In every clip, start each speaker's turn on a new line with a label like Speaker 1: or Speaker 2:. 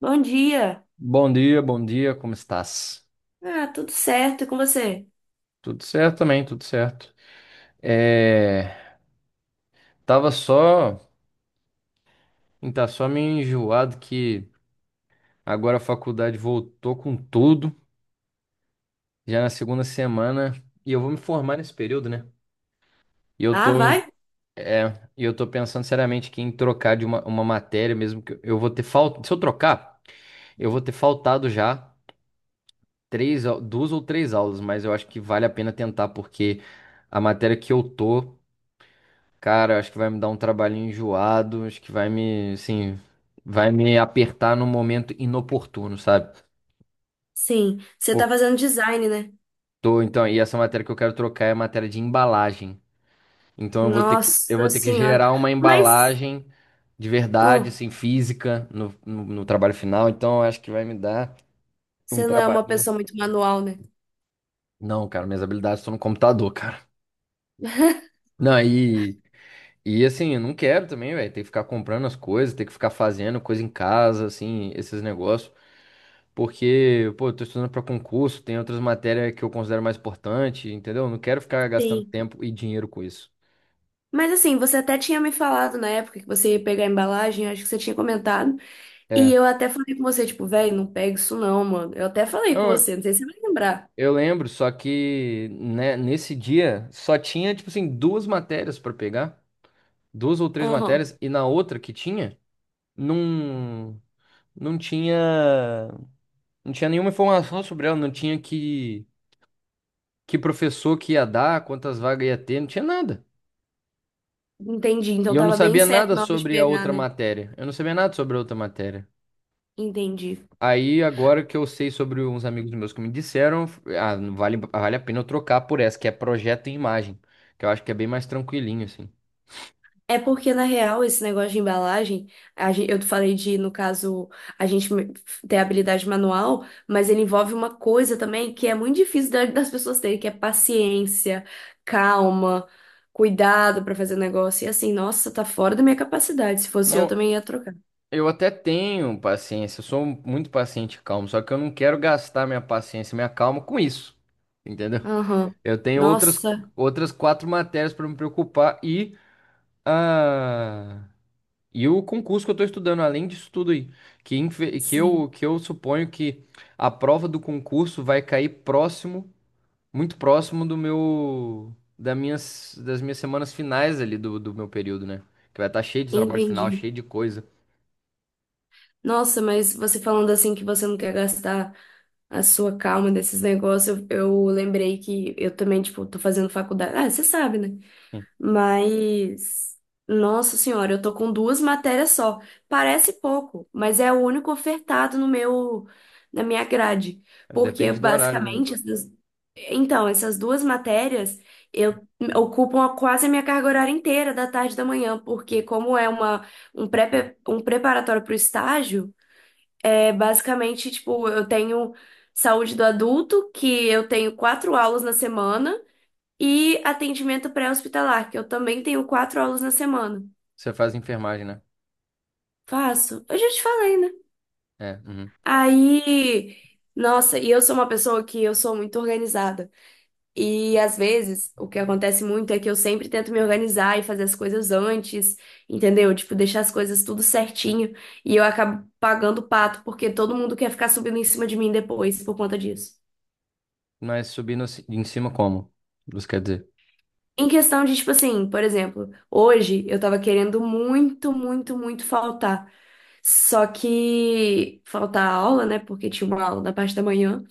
Speaker 1: Bom dia.
Speaker 2: Bom dia, como estás?
Speaker 1: Ah, tudo certo. E com você?
Speaker 2: Tudo certo também, tudo certo. É, tava só, tá só meio enjoado que agora a faculdade voltou com tudo, já na segunda semana, e eu vou me formar nesse período, né? E eu
Speaker 1: Ah,
Speaker 2: tô,
Speaker 1: vai?
Speaker 2: é, e eu tô pensando seriamente que em trocar de uma matéria, mesmo que eu vou ter falta. Se eu trocar, eu vou ter faltado já duas ou três aulas, mas eu acho que vale a pena tentar, porque a matéria que eu tô cara, eu acho que vai me dar um trabalhinho enjoado. Acho que vai me, assim, vai me apertar num momento inoportuno, sabe?
Speaker 1: Sim. Você
Speaker 2: Pô,
Speaker 1: tá fazendo design, né?
Speaker 2: tô, então, e essa matéria que eu quero trocar é a matéria de embalagem. Então eu
Speaker 1: Nossa
Speaker 2: vou ter que
Speaker 1: senhora.
Speaker 2: gerar uma
Speaker 1: Mas,
Speaker 2: embalagem de verdade,
Speaker 1: ah,
Speaker 2: assim, física no trabalho final. Então eu acho que vai me dar um
Speaker 1: você não é uma
Speaker 2: trabalhinho.
Speaker 1: pessoa muito manual, né?
Speaker 2: Não, cara, minhas habilidades estão no computador, cara. Não, e assim, eu não quero também, velho, ter que ficar comprando as coisas, ter que ficar fazendo coisa em casa, assim, esses negócios. Porque, pô, eu tô estudando para concurso, tem outras matérias que eu considero mais importante, entendeu? Não quero ficar gastando
Speaker 1: Sim.
Speaker 2: tempo e dinheiro com isso.
Speaker 1: Mas assim, você até tinha me falado na época que você ia pegar a embalagem, acho que você tinha comentado. E
Speaker 2: É.
Speaker 1: eu até falei com você, tipo, velho, não pega isso não, mano. Eu até falei com
Speaker 2: Não,
Speaker 1: você, não sei se você vai lembrar.
Speaker 2: eu lembro, só que, né, nesse dia só tinha, tipo assim, duas matérias para pegar, duas ou três
Speaker 1: Aham.
Speaker 2: matérias. E na outra que tinha, não, não tinha, não tinha nenhuma informação sobre ela. Não tinha que professor que ia dar, quantas vagas ia ter, não tinha nada.
Speaker 1: Entendi.
Speaker 2: E
Speaker 1: Então
Speaker 2: eu não
Speaker 1: tava bem
Speaker 2: sabia
Speaker 1: certo
Speaker 2: nada
Speaker 1: na hora de
Speaker 2: sobre a
Speaker 1: pegar,
Speaker 2: outra
Speaker 1: né?
Speaker 2: matéria. Eu não sabia nada sobre a outra matéria.
Speaker 1: Entendi.
Speaker 2: Aí, agora que eu sei sobre uns amigos meus que me disseram, ah, vale a pena eu trocar por essa, que é projeto e imagem, que eu acho que é bem mais tranquilinho, assim.
Speaker 1: É porque, na real, esse negócio de embalagem, eu falei de, no caso, a gente me- ter habilidade manual, mas ele envolve uma coisa também que é muito difícil das pessoas terem, que é paciência, calma, cuidado pra fazer o negócio. E assim, nossa, tá fora da minha capacidade. Se fosse eu,
Speaker 2: Não,
Speaker 1: também ia trocar.
Speaker 2: eu até tenho paciência, eu sou muito paciente e calmo, só que eu não quero gastar minha paciência e minha calma com isso, entendeu?
Speaker 1: Aham.
Speaker 2: Eu tenho
Speaker 1: Nossa,
Speaker 2: outras quatro matérias para me preocupar ah, e o concurso que eu estou estudando, além disso tudo aí,
Speaker 1: sim,
Speaker 2: que eu suponho que a prova do concurso vai cair próximo. Muito próximo do meu da minhas das minhas semanas finais ali do meu período, né? Que vai estar cheio de trabalho final,
Speaker 1: entendi.
Speaker 2: cheio de coisa.
Speaker 1: Nossa, mas você falando assim que você não quer gastar a sua calma desses negócios, eu lembrei que eu também, tipo, tô fazendo faculdade. Ah, você sabe, né?
Speaker 2: Hum.
Speaker 1: Mas, nossa senhora, eu tô com duas matérias só. Parece pouco, mas é o único ofertado no meu, na minha grade. Porque
Speaker 2: Depende do horário, né?
Speaker 1: basicamente, então, essas duas matérias eu ocupam quase a minha carga horária inteira da tarde e da manhã, porque como é um preparatório para o estágio, é basicamente, tipo, eu tenho saúde do adulto, que eu tenho 4 aulas na semana. E atendimento pré-hospitalar, que eu também tenho 4 aulas na semana.
Speaker 2: Você faz enfermagem, né?
Speaker 1: Faço. Eu já te falei, né?
Speaker 2: É, uhum.
Speaker 1: Aí, nossa, e eu sou uma pessoa que eu sou muito organizada. E às vezes, o que acontece muito é que eu sempre tento me organizar e fazer as coisas antes, entendeu? Tipo, deixar as coisas tudo certinho. E eu acabo pagando o pato, porque todo mundo quer ficar subindo em cima de mim depois por conta disso.
Speaker 2: Mas subindo em cima como? Isso quer dizer.
Speaker 1: Em questão de, tipo assim, por exemplo, hoje eu tava querendo muito, muito, muito faltar. Só que falta a aula, né? Porque tinha uma aula da parte da manhã.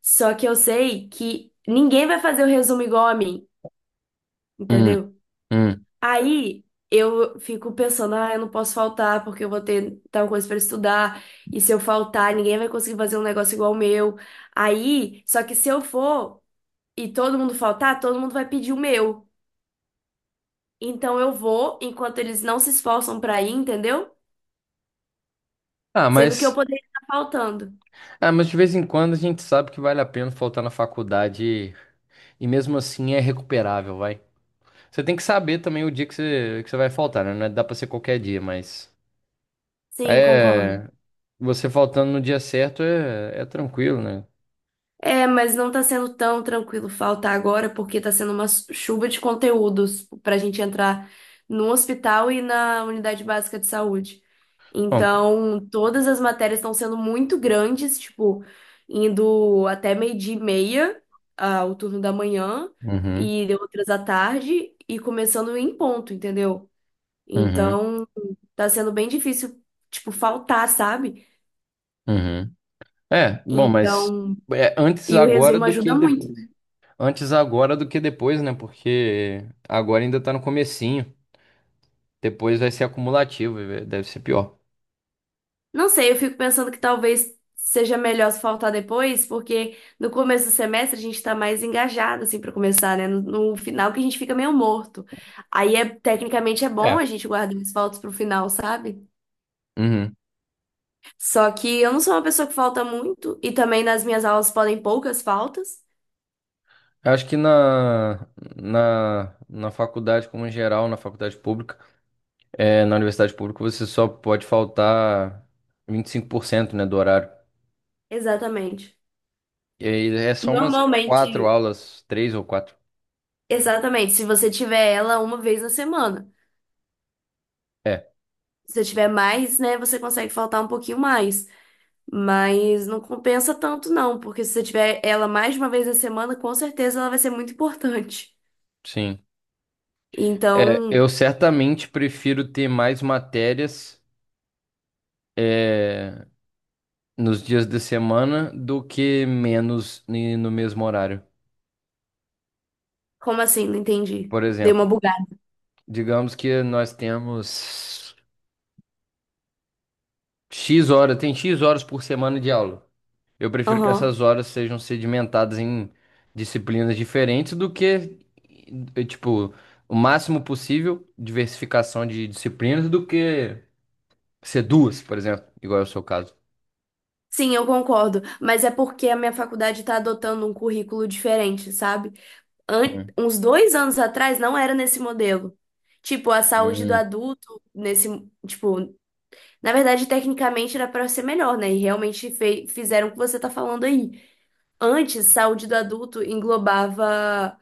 Speaker 1: Só que eu sei que ninguém vai fazer o resumo igual a mim,
Speaker 2: Hum,
Speaker 1: entendeu?
Speaker 2: hum.
Speaker 1: Aí eu fico pensando, ah, eu não posso faltar porque eu vou ter tal coisa para estudar. E se eu faltar, ninguém vai conseguir fazer um negócio igual o meu. Aí, só que se eu for e todo mundo faltar, todo mundo vai pedir o meu. Então eu vou enquanto eles não se esforçam para ir, entendeu?
Speaker 2: Ah,
Speaker 1: Sendo que eu
Speaker 2: mas
Speaker 1: poderia estar faltando.
Speaker 2: ah, mas de vez em quando a gente sabe que vale a pena faltar na faculdade e mesmo assim é recuperável, vai. Você tem que saber também o dia que você vai faltar, né? Não é- dá pra ser qualquer dia, mas
Speaker 1: Sim, concordo.
Speaker 2: é, você faltando no dia certo é tranquilo, né?
Speaker 1: É, mas não tá sendo tão tranquilo faltar agora, porque tá sendo uma chuva de conteúdos pra gente entrar no hospital e na unidade básica de saúde.
Speaker 2: Bom,
Speaker 1: Então, todas as matérias estão sendo muito grandes, tipo, indo até meio-dia e meia, ah, o turno da manhã,
Speaker 2: uhum,
Speaker 1: e outras à tarde, e começando em ponto, entendeu?
Speaker 2: uhum,
Speaker 1: Então, tá sendo bem difícil, tipo, faltar, sabe?
Speaker 2: uhum. É, bom, mas
Speaker 1: Então,
Speaker 2: é antes
Speaker 1: e o
Speaker 2: agora
Speaker 1: resumo
Speaker 2: do que
Speaker 1: ajuda muito.
Speaker 2: depois. Antes agora do que depois, né? Porque agora ainda tá no comecinho. Depois vai ser acumulativo, e deve ser pior.
Speaker 1: Não sei, eu fico pensando que talvez seja melhor se faltar depois, porque no começo do semestre a gente tá mais engajado, assim, pra começar, né? No, no final que a gente fica meio morto. Aí, é, tecnicamente, é bom a
Speaker 2: É.
Speaker 1: gente guardar os faltos pro final, sabe?
Speaker 2: Uhum.
Speaker 1: Só que eu não sou uma pessoa que falta muito, e também nas minhas aulas podem poucas faltas.
Speaker 2: Eu acho que na faculdade, como em geral, na faculdade pública, na universidade pública, você só pode faltar 25%, né, do horário.
Speaker 1: Exatamente.
Speaker 2: E aí, é só umas quatro
Speaker 1: Normalmente,
Speaker 2: aulas, três ou quatro.
Speaker 1: exatamente, se você tiver ela uma vez na semana.
Speaker 2: É,
Speaker 1: Se você tiver mais, né, você consegue faltar um pouquinho mais. Mas não compensa tanto, não, porque se você tiver ela mais de uma vez na semana, com certeza ela vai ser muito importante.
Speaker 2: sim. É,
Speaker 1: Então,
Speaker 2: eu certamente prefiro ter mais matérias, é, nos dias de semana do que menos no mesmo horário.
Speaker 1: como assim? Não entendi.
Speaker 2: Por
Speaker 1: Dei uma
Speaker 2: exemplo,
Speaker 1: bugada.
Speaker 2: digamos que nós temos X horas, tem X horas por semana de aula. Eu prefiro que
Speaker 1: Aham.
Speaker 2: essas horas sejam sedimentadas em disciplinas diferentes do que, tipo, o máximo possível diversificação de disciplinas do que ser duas, por exemplo, igual é o seu caso.
Speaker 1: Sim, eu concordo. Mas é porque a minha faculdade está adotando um currículo diferente, sabe?
Speaker 2: Hum,
Speaker 1: Uns 2 anos atrás não era nesse modelo. Tipo, a saúde do
Speaker 2: hum,
Speaker 1: adulto, nesse. Tipo, na verdade, tecnicamente era para ser melhor, né? E realmente fizeram o que você tá falando aí. Antes, saúde do adulto englobava.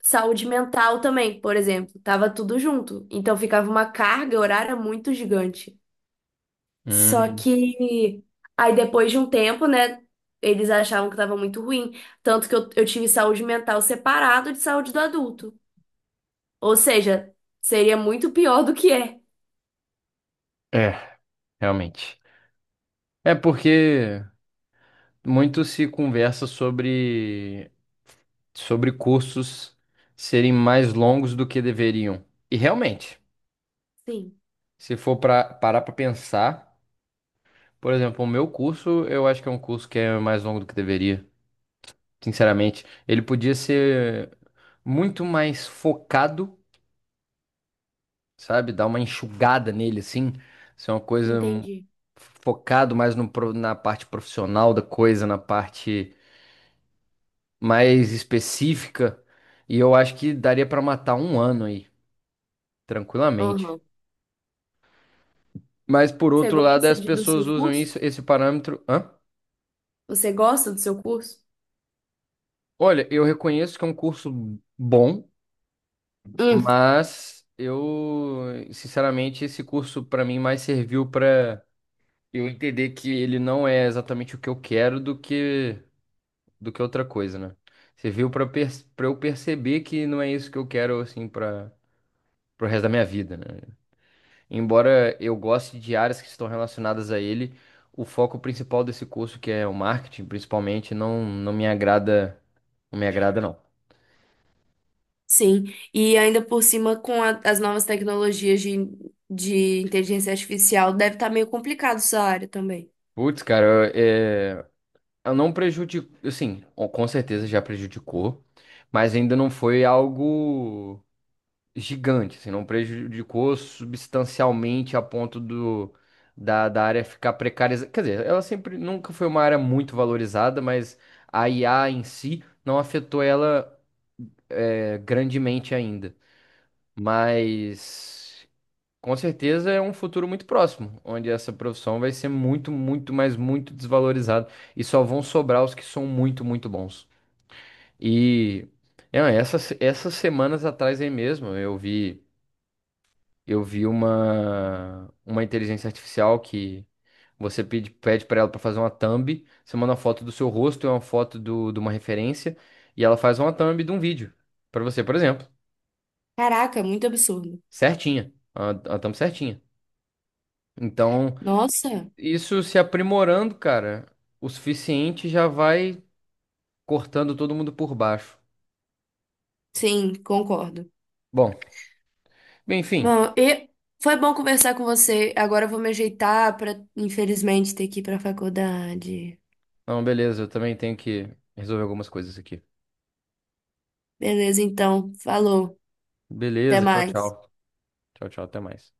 Speaker 1: Saúde mental também, por exemplo, tava tudo junto. Então ficava uma carga horária muito gigante. Só
Speaker 2: hum.
Speaker 1: que aí depois de um tempo, né, eles achavam que tava muito ruim. Tanto que eu tive saúde mental separado de saúde do adulto. Ou seja, seria muito pior do que é.
Speaker 2: É, realmente. É porque muito se conversa sobre cursos serem mais longos do que deveriam. E realmente,
Speaker 1: Sim,
Speaker 2: se for para parar para pensar, por exemplo, o meu curso, eu acho que é um curso que é mais longo do que deveria, sinceramente. Ele podia ser muito mais focado, sabe? Dar uma enxugada nele, assim. Ser uma coisa,
Speaker 1: entendi.
Speaker 2: focado mais no, pro- na parte profissional da coisa, na parte mais específica. E eu acho que daria pra matar um ano aí, tranquilamente.
Speaker 1: Aham.
Speaker 2: Mas, por
Speaker 1: Você
Speaker 2: outro lado,
Speaker 1: gosta
Speaker 2: as
Speaker 1: de- do
Speaker 2: pessoas
Speaker 1: seu
Speaker 2: usam
Speaker 1: curso?
Speaker 2: isso, esse parâmetro. Hã?
Speaker 1: Você gosta do seu curso?
Speaker 2: Olha, eu reconheço que é um curso bom, mas eu, sinceramente, esse curso pra mim mais serviu pra eu entender que ele não é exatamente o que eu quero do que outra coisa, né? Serviu para eu perceber que não é isso que eu quero, assim, para pro resto da minha vida, né? Embora eu goste de áreas que estão relacionadas a ele, o foco principal desse curso, que é o marketing, principalmente, não não me agrada, não me agrada não.
Speaker 1: Sim, e ainda por cima com as novas tecnologias de inteligência artificial, deve estar meio complicado essa área também.
Speaker 2: Putz, cara, eu, é, eu não prejudico, assim, com certeza já prejudicou, mas ainda não foi algo gigante, assim, não prejudicou substancialmente a ponto da área ficar precarizada. Quer dizer, ela sempre nunca foi uma área muito valorizada, mas a IA em si não afetou ela, grandemente, ainda. Mas com certeza é um futuro muito próximo, onde essa profissão vai ser muito, muito, mas muito desvalorizada, e só vão sobrar os que são muito, muito bons. E é, essas semanas atrás aí mesmo eu vi. Eu vi uma inteligência artificial que você pede para ela para fazer uma thumb. Você manda uma foto do seu rosto e uma foto de uma referência, e ela faz uma thumb de um vídeo para você, por exemplo,
Speaker 1: Caraca, muito absurdo.
Speaker 2: certinha, a thumb certinha. Então,
Speaker 1: Nossa,
Speaker 2: isso se aprimorando, cara, o suficiente, já vai cortando todo mundo por baixo.
Speaker 1: sim, concordo.
Speaker 2: Bom, bem, enfim.
Speaker 1: Bom, e foi bom conversar com você. Agora eu vou me ajeitar para, infelizmente, ter que ir para a faculdade.
Speaker 2: Não, beleza, eu também tenho que resolver algumas coisas aqui.
Speaker 1: Beleza, então, falou. Até
Speaker 2: Beleza, tchau,
Speaker 1: mais.
Speaker 2: tchau. Tchau, tchau, até mais.